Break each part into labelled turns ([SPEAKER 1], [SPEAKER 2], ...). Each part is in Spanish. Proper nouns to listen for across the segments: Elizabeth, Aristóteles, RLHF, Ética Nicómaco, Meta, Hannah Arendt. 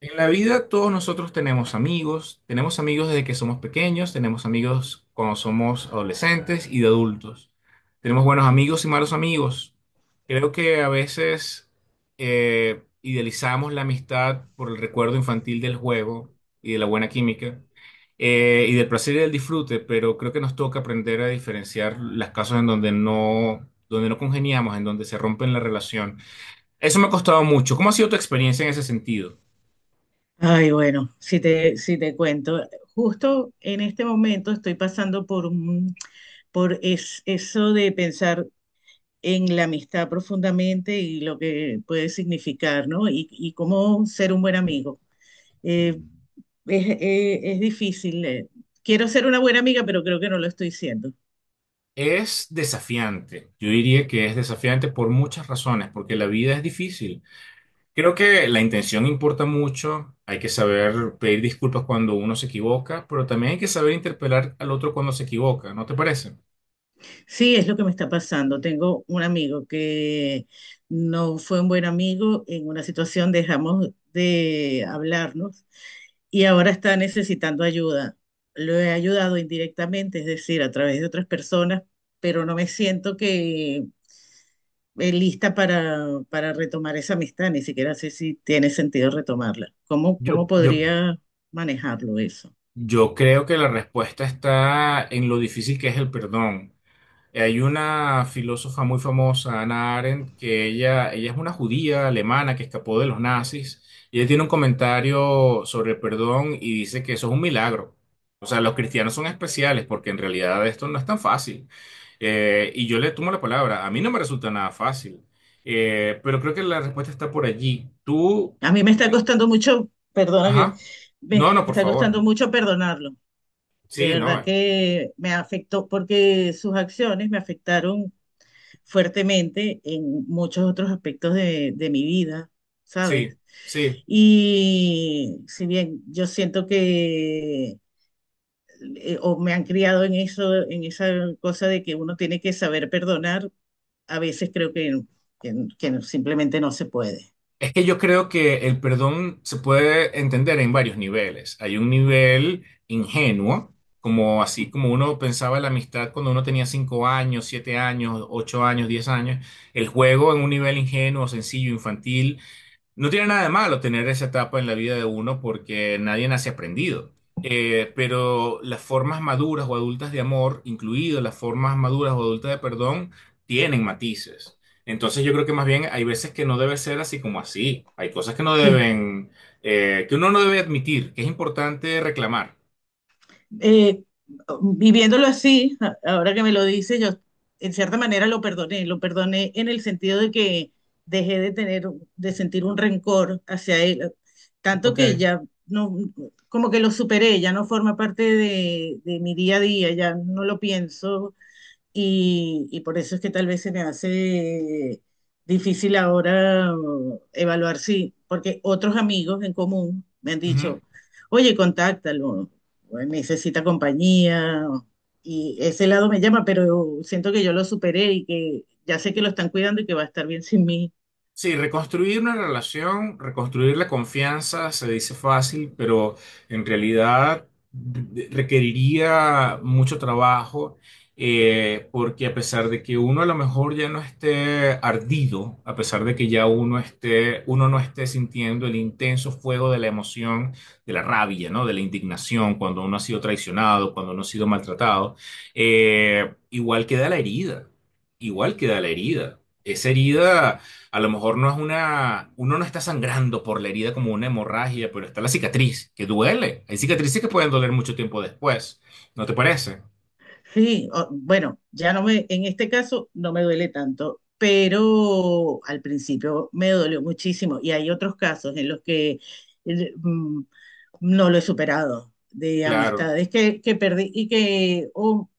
[SPEAKER 1] En la vida todos nosotros tenemos amigos desde que somos pequeños, tenemos amigos cuando somos adolescentes y de adultos. Tenemos buenos amigos y malos amigos. Creo que a veces idealizamos la amistad por el recuerdo infantil del juego y de la buena química y del placer y del disfrute, pero creo que nos toca aprender a diferenciar las casos en donde no congeniamos, en donde se rompen la relación. Eso me ha costado mucho. ¿Cómo ha sido tu experiencia en ese sentido?
[SPEAKER 2] Ay, bueno, si te, si te cuento, justo en este momento estoy pasando por, eso de pensar en la amistad profundamente y lo que puede significar, ¿no? Y cómo ser un buen amigo. Eh, es difícil. Quiero ser una buena amiga, pero creo que no lo estoy siendo.
[SPEAKER 1] Es desafiante, yo diría que es desafiante por muchas razones, porque la vida es difícil. Creo que la intención importa mucho, hay que saber pedir disculpas cuando uno se equivoca, pero también hay que saber interpelar al otro cuando se equivoca, ¿no te parece?
[SPEAKER 2] Sí, es lo que me está pasando. Tengo un amigo que no fue un buen amigo, en una situación dejamos de hablarnos y ahora está necesitando ayuda. Lo he ayudado indirectamente, es decir, a través de otras personas, pero no me siento que lista para retomar esa amistad, ni siquiera sé si tiene sentido retomarla. ¿Cómo, cómo
[SPEAKER 1] Yo, yo,
[SPEAKER 2] podría manejarlo eso?
[SPEAKER 1] yo creo que la respuesta está en lo difícil que es el perdón. Hay una filósofa muy famosa, Hannah Arendt, que ella es una judía alemana que escapó de los nazis y ella tiene un comentario sobre el perdón y dice que eso es un milagro. O sea, los cristianos son especiales porque en realidad esto no es tan fácil. Y yo le tomo la palabra, a mí no me resulta nada fácil. Pero creo que la respuesta está por allí. Tú,
[SPEAKER 2] A mí me está
[SPEAKER 1] eh,
[SPEAKER 2] costando mucho, perdona que
[SPEAKER 1] ajá,
[SPEAKER 2] me
[SPEAKER 1] no, no, por
[SPEAKER 2] está costando
[SPEAKER 1] favor.
[SPEAKER 2] mucho perdonarlo. De
[SPEAKER 1] Sí, no,
[SPEAKER 2] verdad que me afectó porque sus acciones me afectaron fuertemente en muchos otros aspectos de mi vida, ¿sabes?
[SPEAKER 1] sí, sí.
[SPEAKER 2] Y si bien yo siento que o me han criado en eso, en esa cosa de que uno tiene que saber perdonar, a veces creo que, que simplemente no se puede.
[SPEAKER 1] Es que yo creo que el perdón se puede entender en varios niveles. Hay un nivel ingenuo, como así como uno pensaba en la amistad cuando uno tenía cinco años, siete años, ocho años, diez años. El juego en un nivel ingenuo, sencillo, infantil. No tiene nada de malo tener esa etapa en la vida de uno porque nadie nace aprendido. Pero las formas maduras o adultas de amor, incluido las formas maduras o adultas de perdón, tienen matices. Entonces yo creo que más bien hay veces que no debe ser así como así. Hay cosas que no
[SPEAKER 2] Sí.
[SPEAKER 1] deben, que uno no debe admitir, que es importante reclamar.
[SPEAKER 2] eh, Viviéndolo así, ahora que me lo dice, yo en cierta manera lo perdoné en el sentido de que dejé de tener, de sentir un rencor hacia él, tanto que
[SPEAKER 1] Ok.
[SPEAKER 2] ya no, como que lo superé, ya no forma parte de mi día a día, ya no lo pienso y por eso es que tal vez se me hace difícil ahora evaluar si porque otros amigos en común me han
[SPEAKER 1] Ujú.
[SPEAKER 2] dicho, oye, contáctalo, necesita compañía, y ese lado me llama, pero siento que yo lo superé y que ya sé que lo están cuidando y que va a estar bien sin mí.
[SPEAKER 1] Sí, reconstruir una relación, reconstruir la confianza se dice fácil, pero en realidad requeriría mucho trabajo, porque a pesar de que uno a lo mejor ya no esté ardido, a pesar de que ya uno esté, uno no esté sintiendo el intenso fuego de la emoción, de la rabia, ¿no? De la indignación cuando uno ha sido traicionado, cuando uno ha sido maltratado, igual queda la herida, igual queda la herida. Esa herida a lo mejor no es una, uno no está sangrando por la herida como una hemorragia, pero está la cicatriz, que duele. Hay cicatrices que pueden doler mucho tiempo después. ¿No te parece?
[SPEAKER 2] Sí, o- bueno, ya no me, en este caso no me duele tanto, pero al principio me dolió muchísimo y hay otros casos en los que eh, mm, no lo he superado de
[SPEAKER 1] Claro.
[SPEAKER 2] amistades que perdí y que, o-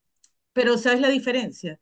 [SPEAKER 2] pero ¿sabes la diferencia?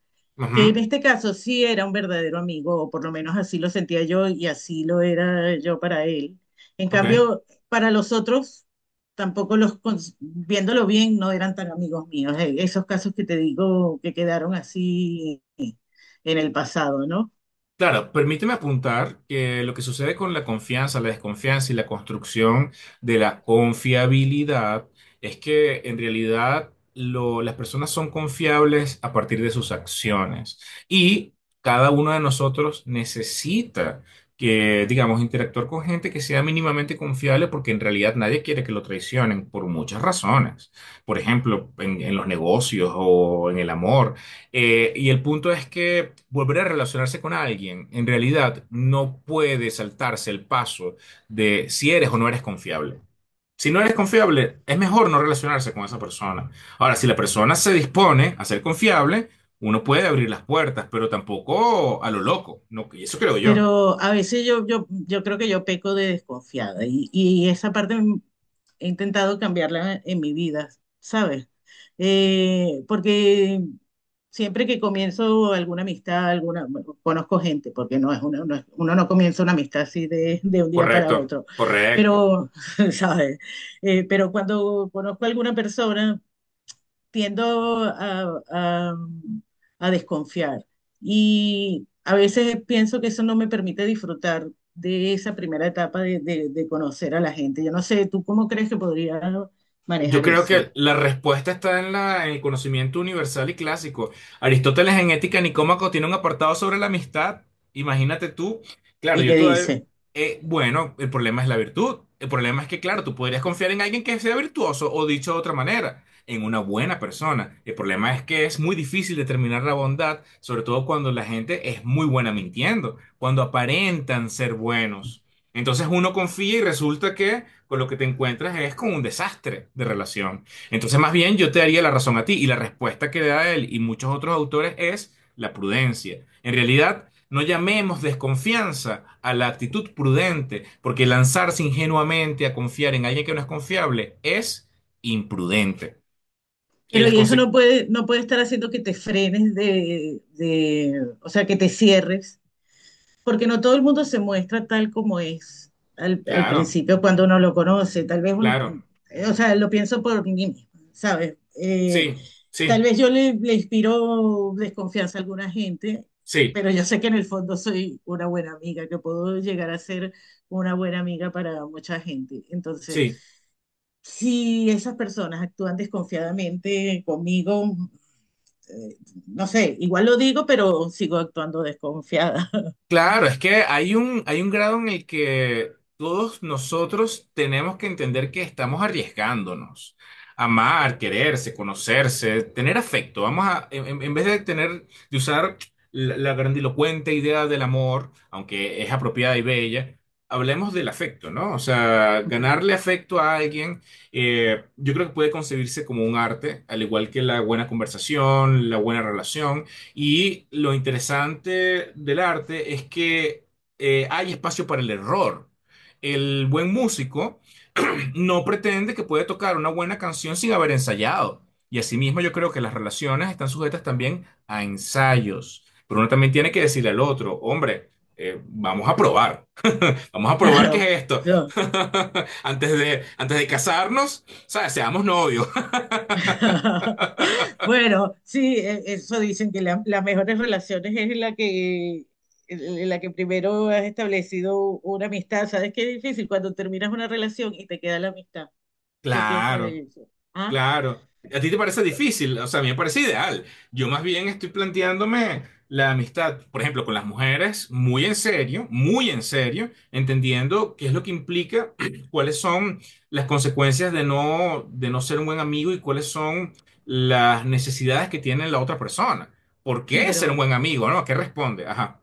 [SPEAKER 2] Que
[SPEAKER 1] Ujú.
[SPEAKER 2] en este caso sí era un verdadero amigo, o por lo menos así lo sentía yo y así lo era yo para él. En
[SPEAKER 1] Ok.
[SPEAKER 2] cambio, para los otros, tampoco los, cons- viéndolo bien, no eran tan amigos míos. Esos casos que te digo que quedaron así en el pasado, ¿no?
[SPEAKER 1] Claro, permíteme apuntar que lo que sucede con la confianza, la desconfianza y la construcción de la confiabilidad es que en realidad las personas son confiables a partir de sus acciones y cada uno de nosotros necesita que, digamos, interactuar con gente que sea mínimamente confiable porque en realidad nadie quiere que lo traicionen por muchas razones. Por ejemplo, en los negocios o en el amor. Y el punto es que volver a relacionarse con alguien, en realidad, no puede saltarse el paso de si eres o no eres confiable. Si no eres confiable, es mejor no relacionarse con esa persona. Ahora, si la persona se dispone a ser confiable, uno puede abrir las puertas, pero tampoco a lo loco. No, y eso creo yo.
[SPEAKER 2] Pero a veces yo creo que yo peco de desconfiada y esa parte m- he intentado cambiarla en mi vida, ¿sabes? Porque siempre que comienzo alguna amistad, alguna, bueno, conozco gente, porque no es una, no es- uno no comienza una amistad así de un día para
[SPEAKER 1] Correcto,
[SPEAKER 2] otro,
[SPEAKER 1] correcto.
[SPEAKER 2] pero, ¿sabes? Pero cuando conozco a alguna persona, tiendo a desconfiar y a veces pienso que eso no me permite disfrutar de esa primera etapa de conocer a la gente. Yo no sé, ¿tú cómo crees que podría
[SPEAKER 1] Yo
[SPEAKER 2] manejar
[SPEAKER 1] creo
[SPEAKER 2] eso?
[SPEAKER 1] que la respuesta está en la, en el conocimiento universal y clásico. Aristóteles en Ética Nicómaco tiene un apartado sobre la amistad. Imagínate tú, claro,
[SPEAKER 2] ¿Y
[SPEAKER 1] yo
[SPEAKER 2] qué
[SPEAKER 1] todavía,
[SPEAKER 2] dice?
[SPEAKER 1] bueno, el problema es la virtud. El problema es que, claro, tú podrías confiar en alguien que sea virtuoso o dicho de otra manera, en una buena persona. El problema es que es muy difícil determinar la bondad, sobre todo cuando la gente es muy buena mintiendo, cuando aparentan ser buenos. Entonces uno confía y resulta que con lo que te encuentras es con un desastre de relación. Entonces más bien yo te daría la razón a ti y la respuesta que da él y muchos otros autores es la prudencia. En realidad, no llamemos desconfianza a la actitud prudente, porque lanzarse ingenuamente a confiar en alguien que no es confiable es imprudente. Y
[SPEAKER 2] Pero
[SPEAKER 1] las
[SPEAKER 2] y eso no
[SPEAKER 1] consecuencias...
[SPEAKER 2] puede, no puede estar haciendo que te frenes o sea, que te cierres, porque no todo el mundo se muestra tal como es al
[SPEAKER 1] Claro,
[SPEAKER 2] principio cuando uno lo conoce. Tal vez uno,
[SPEAKER 1] claro,
[SPEAKER 2] o sea, lo pienso por mí misma, ¿sabes?
[SPEAKER 1] sí,
[SPEAKER 2] Tal
[SPEAKER 1] sí,
[SPEAKER 2] vez yo le inspiro desconfianza a alguna gente,
[SPEAKER 1] sí,
[SPEAKER 2] pero yo sé que en el fondo soy una buena amiga, que puedo llegar a ser una buena amiga para mucha gente. Entonces,
[SPEAKER 1] sí.
[SPEAKER 2] si esas personas actúan desconfiadamente conmigo, eh, no sé, igual lo digo, pero sigo actuando desconfiada.
[SPEAKER 1] Claro, es que hay un grado en el que todos nosotros tenemos que entender que estamos arriesgándonos. Amar, quererse, conocerse, tener afecto. Vamos a, en, en vez de tener, de usar la, la grandilocuente idea del amor, aunque es apropiada y bella, hablemos del afecto, ¿no? O sea,
[SPEAKER 2] Ujú.
[SPEAKER 1] ganarle afecto a alguien, yo creo que puede concebirse como un arte, al igual que la buena conversación, la buena relación. Y lo interesante del arte es que hay espacio para el error. El buen músico no pretende que puede tocar una buena canción sin haber ensayado. Y asimismo yo creo que las relaciones están sujetas también a ensayos. Pero uno también tiene que decirle al otro, hombre, vamos a probar. Vamos a probar qué
[SPEAKER 2] Claro,
[SPEAKER 1] es esto.
[SPEAKER 2] yo-
[SPEAKER 1] Antes de casarnos, o sea, seamos novios.
[SPEAKER 2] Bueno, sí, e- eso dicen que las mejores relaciones es la que, en la que primero has establecido una amistad. ¿Sabes qué difícil cuando terminas una relación y te queda la amistad? ¿Qué piensas de
[SPEAKER 1] Claro.
[SPEAKER 2] eso? Ah,
[SPEAKER 1] Claro, a ti te parece difícil, o sea, a mí me parece ideal. Yo más bien estoy planteándome la amistad, por ejemplo, con las mujeres, muy en serio, entendiendo qué es lo que implica, cuáles son las consecuencias de no ser un buen amigo y cuáles son las necesidades que tiene la otra persona. ¿Por
[SPEAKER 2] sí,
[SPEAKER 1] qué ser un
[SPEAKER 2] pero
[SPEAKER 1] buen amigo, no? ¿Qué responde? Ajá,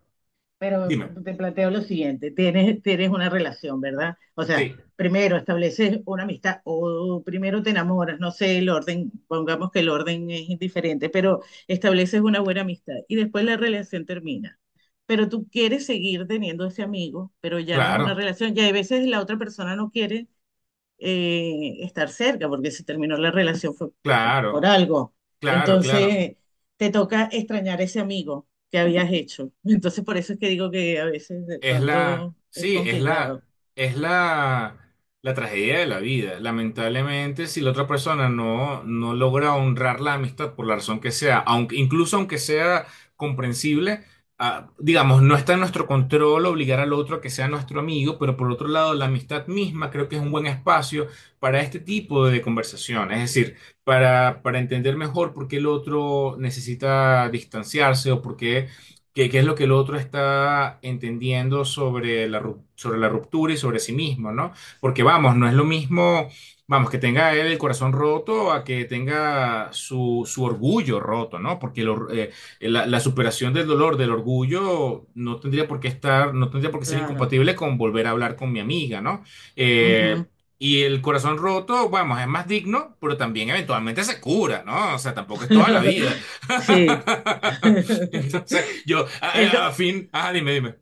[SPEAKER 2] Pero
[SPEAKER 1] dime.
[SPEAKER 2] te planteo lo siguiente, tienes, tienes una relación, ¿verdad? O sea,
[SPEAKER 1] Sí.
[SPEAKER 2] primero estableces una amistad o primero te enamoras, no sé el orden, pongamos que el orden es indiferente, pero estableces una buena amistad y después la relación termina. Pero tú quieres seguir teniendo ese amigo, pero ya no es una
[SPEAKER 1] Claro,
[SPEAKER 2] relación. Ya hay veces la otra persona no quiere estar cerca, porque si terminó la relación fue por
[SPEAKER 1] claro,
[SPEAKER 2] algo.
[SPEAKER 1] claro, claro.
[SPEAKER 2] Entonces, te toca extrañar ese amigo que habías hecho. Entonces, por eso es que digo que a veces de
[SPEAKER 1] Es la,
[SPEAKER 2] pronto es
[SPEAKER 1] sí,
[SPEAKER 2] complicado.
[SPEAKER 1] es la, la tragedia de la vida. Lamentablemente, si la otra persona no, no logra honrar la amistad por la razón que sea, aunque, incluso aunque sea comprensible, ah, digamos, no está en nuestro control obligar al otro a que sea nuestro amigo, pero por otro lado, la amistad misma creo que es un buen espacio para este tipo de conversación. Es decir, para entender mejor por qué el otro necesita distanciarse o por qué ¿Qué, qué es lo que el otro está entendiendo sobre la, sobre la ruptura y sobre sí mismo, ¿no? Porque vamos, no es lo mismo, vamos, que tenga él el corazón roto a que tenga su, su orgullo roto, ¿no? Porque el la, la superación del dolor, del orgullo, no tendría por qué estar, no tendría por qué ser
[SPEAKER 2] Claro.
[SPEAKER 1] incompatible con volver a hablar con mi amiga, ¿no? Eh,
[SPEAKER 2] Ujú.
[SPEAKER 1] y el corazón roto, vamos, es más digno, pero también eventualmente se cura, ¿no? O sea, tampoco es toda la vida.
[SPEAKER 2] Sí.
[SPEAKER 1] Entonces, yo, a,
[SPEAKER 2] El co-
[SPEAKER 1] a fin, ah, dime, dime.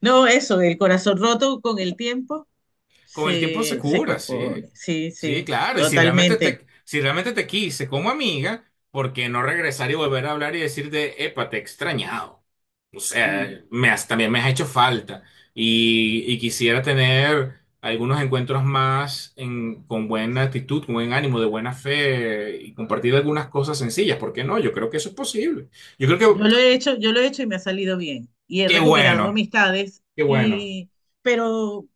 [SPEAKER 2] no, eso, el corazón roto con el tiempo
[SPEAKER 1] Con el tiempo se
[SPEAKER 2] se, se
[SPEAKER 1] cura, sí.
[SPEAKER 2] compone. Sí,
[SPEAKER 1] Sí,
[SPEAKER 2] sí,
[SPEAKER 1] claro. Y si realmente
[SPEAKER 2] totalmente.
[SPEAKER 1] te, si realmente te quise como amiga, ¿por qué no regresar y volver a hablar y decirte, epa, te he extrañado? O sea,
[SPEAKER 2] Mm.
[SPEAKER 1] también me has hecho falta. Y quisiera tener algunos encuentros más en, con buena actitud, con buen ánimo, de buena fe y compartir algunas cosas sencillas. ¿Por qué no? Yo creo que eso es posible. Yo creo
[SPEAKER 2] Yo
[SPEAKER 1] que,
[SPEAKER 2] lo he hecho, yo lo he hecho y me ha salido bien. Y he
[SPEAKER 1] qué
[SPEAKER 2] recuperado
[SPEAKER 1] bueno,
[SPEAKER 2] amistades,
[SPEAKER 1] qué bueno.
[SPEAKER 2] y, pero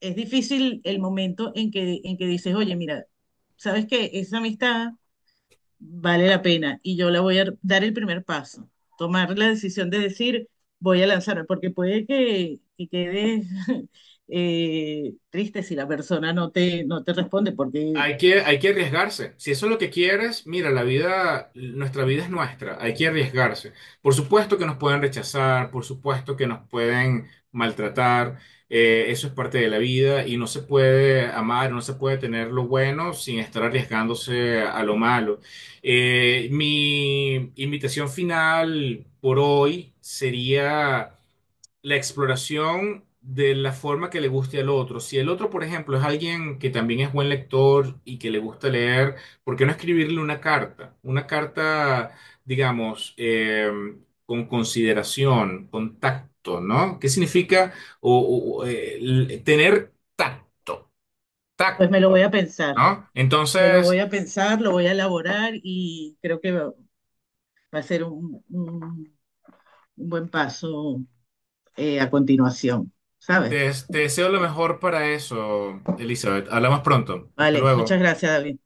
[SPEAKER 2] es difícil el momento en que dices, oye, mira, ¿sabes que esa amistad vale la pena y yo la voy a dar el primer paso, tomar la decisión de decir, voy a lanzarme, porque puede que quedes triste si la persona no te, no te responde, porque
[SPEAKER 1] Hay que arriesgarse. Si eso es lo que quieres, mira, la vida, nuestra vida es nuestra. Hay que arriesgarse. Por supuesto que nos pueden rechazar, por supuesto que nos pueden maltratar. Eso es parte de la vida y no se puede amar, no se puede tener lo bueno sin estar arriesgándose a lo malo. Mi invitación final por hoy sería la exploración de la forma que le guste al otro. Si el otro, por ejemplo, es alguien que también es buen lector y que le gusta leer, ¿por qué no escribirle una carta? Una carta, digamos, con consideración, con tacto, ¿no? ¿Qué significa tener tacto?
[SPEAKER 2] pues
[SPEAKER 1] Tacto,
[SPEAKER 2] me lo voy a pensar,
[SPEAKER 1] ¿no?
[SPEAKER 2] me lo voy
[SPEAKER 1] Entonces,
[SPEAKER 2] a pensar, lo voy a elaborar y creo que va, va a ser un buen paso a continuación, ¿sabes?
[SPEAKER 1] te deseo lo mejor para eso, Elizabeth. Hablamos pronto. Hasta
[SPEAKER 2] Vale, muchas
[SPEAKER 1] luego.
[SPEAKER 2] gracias, David.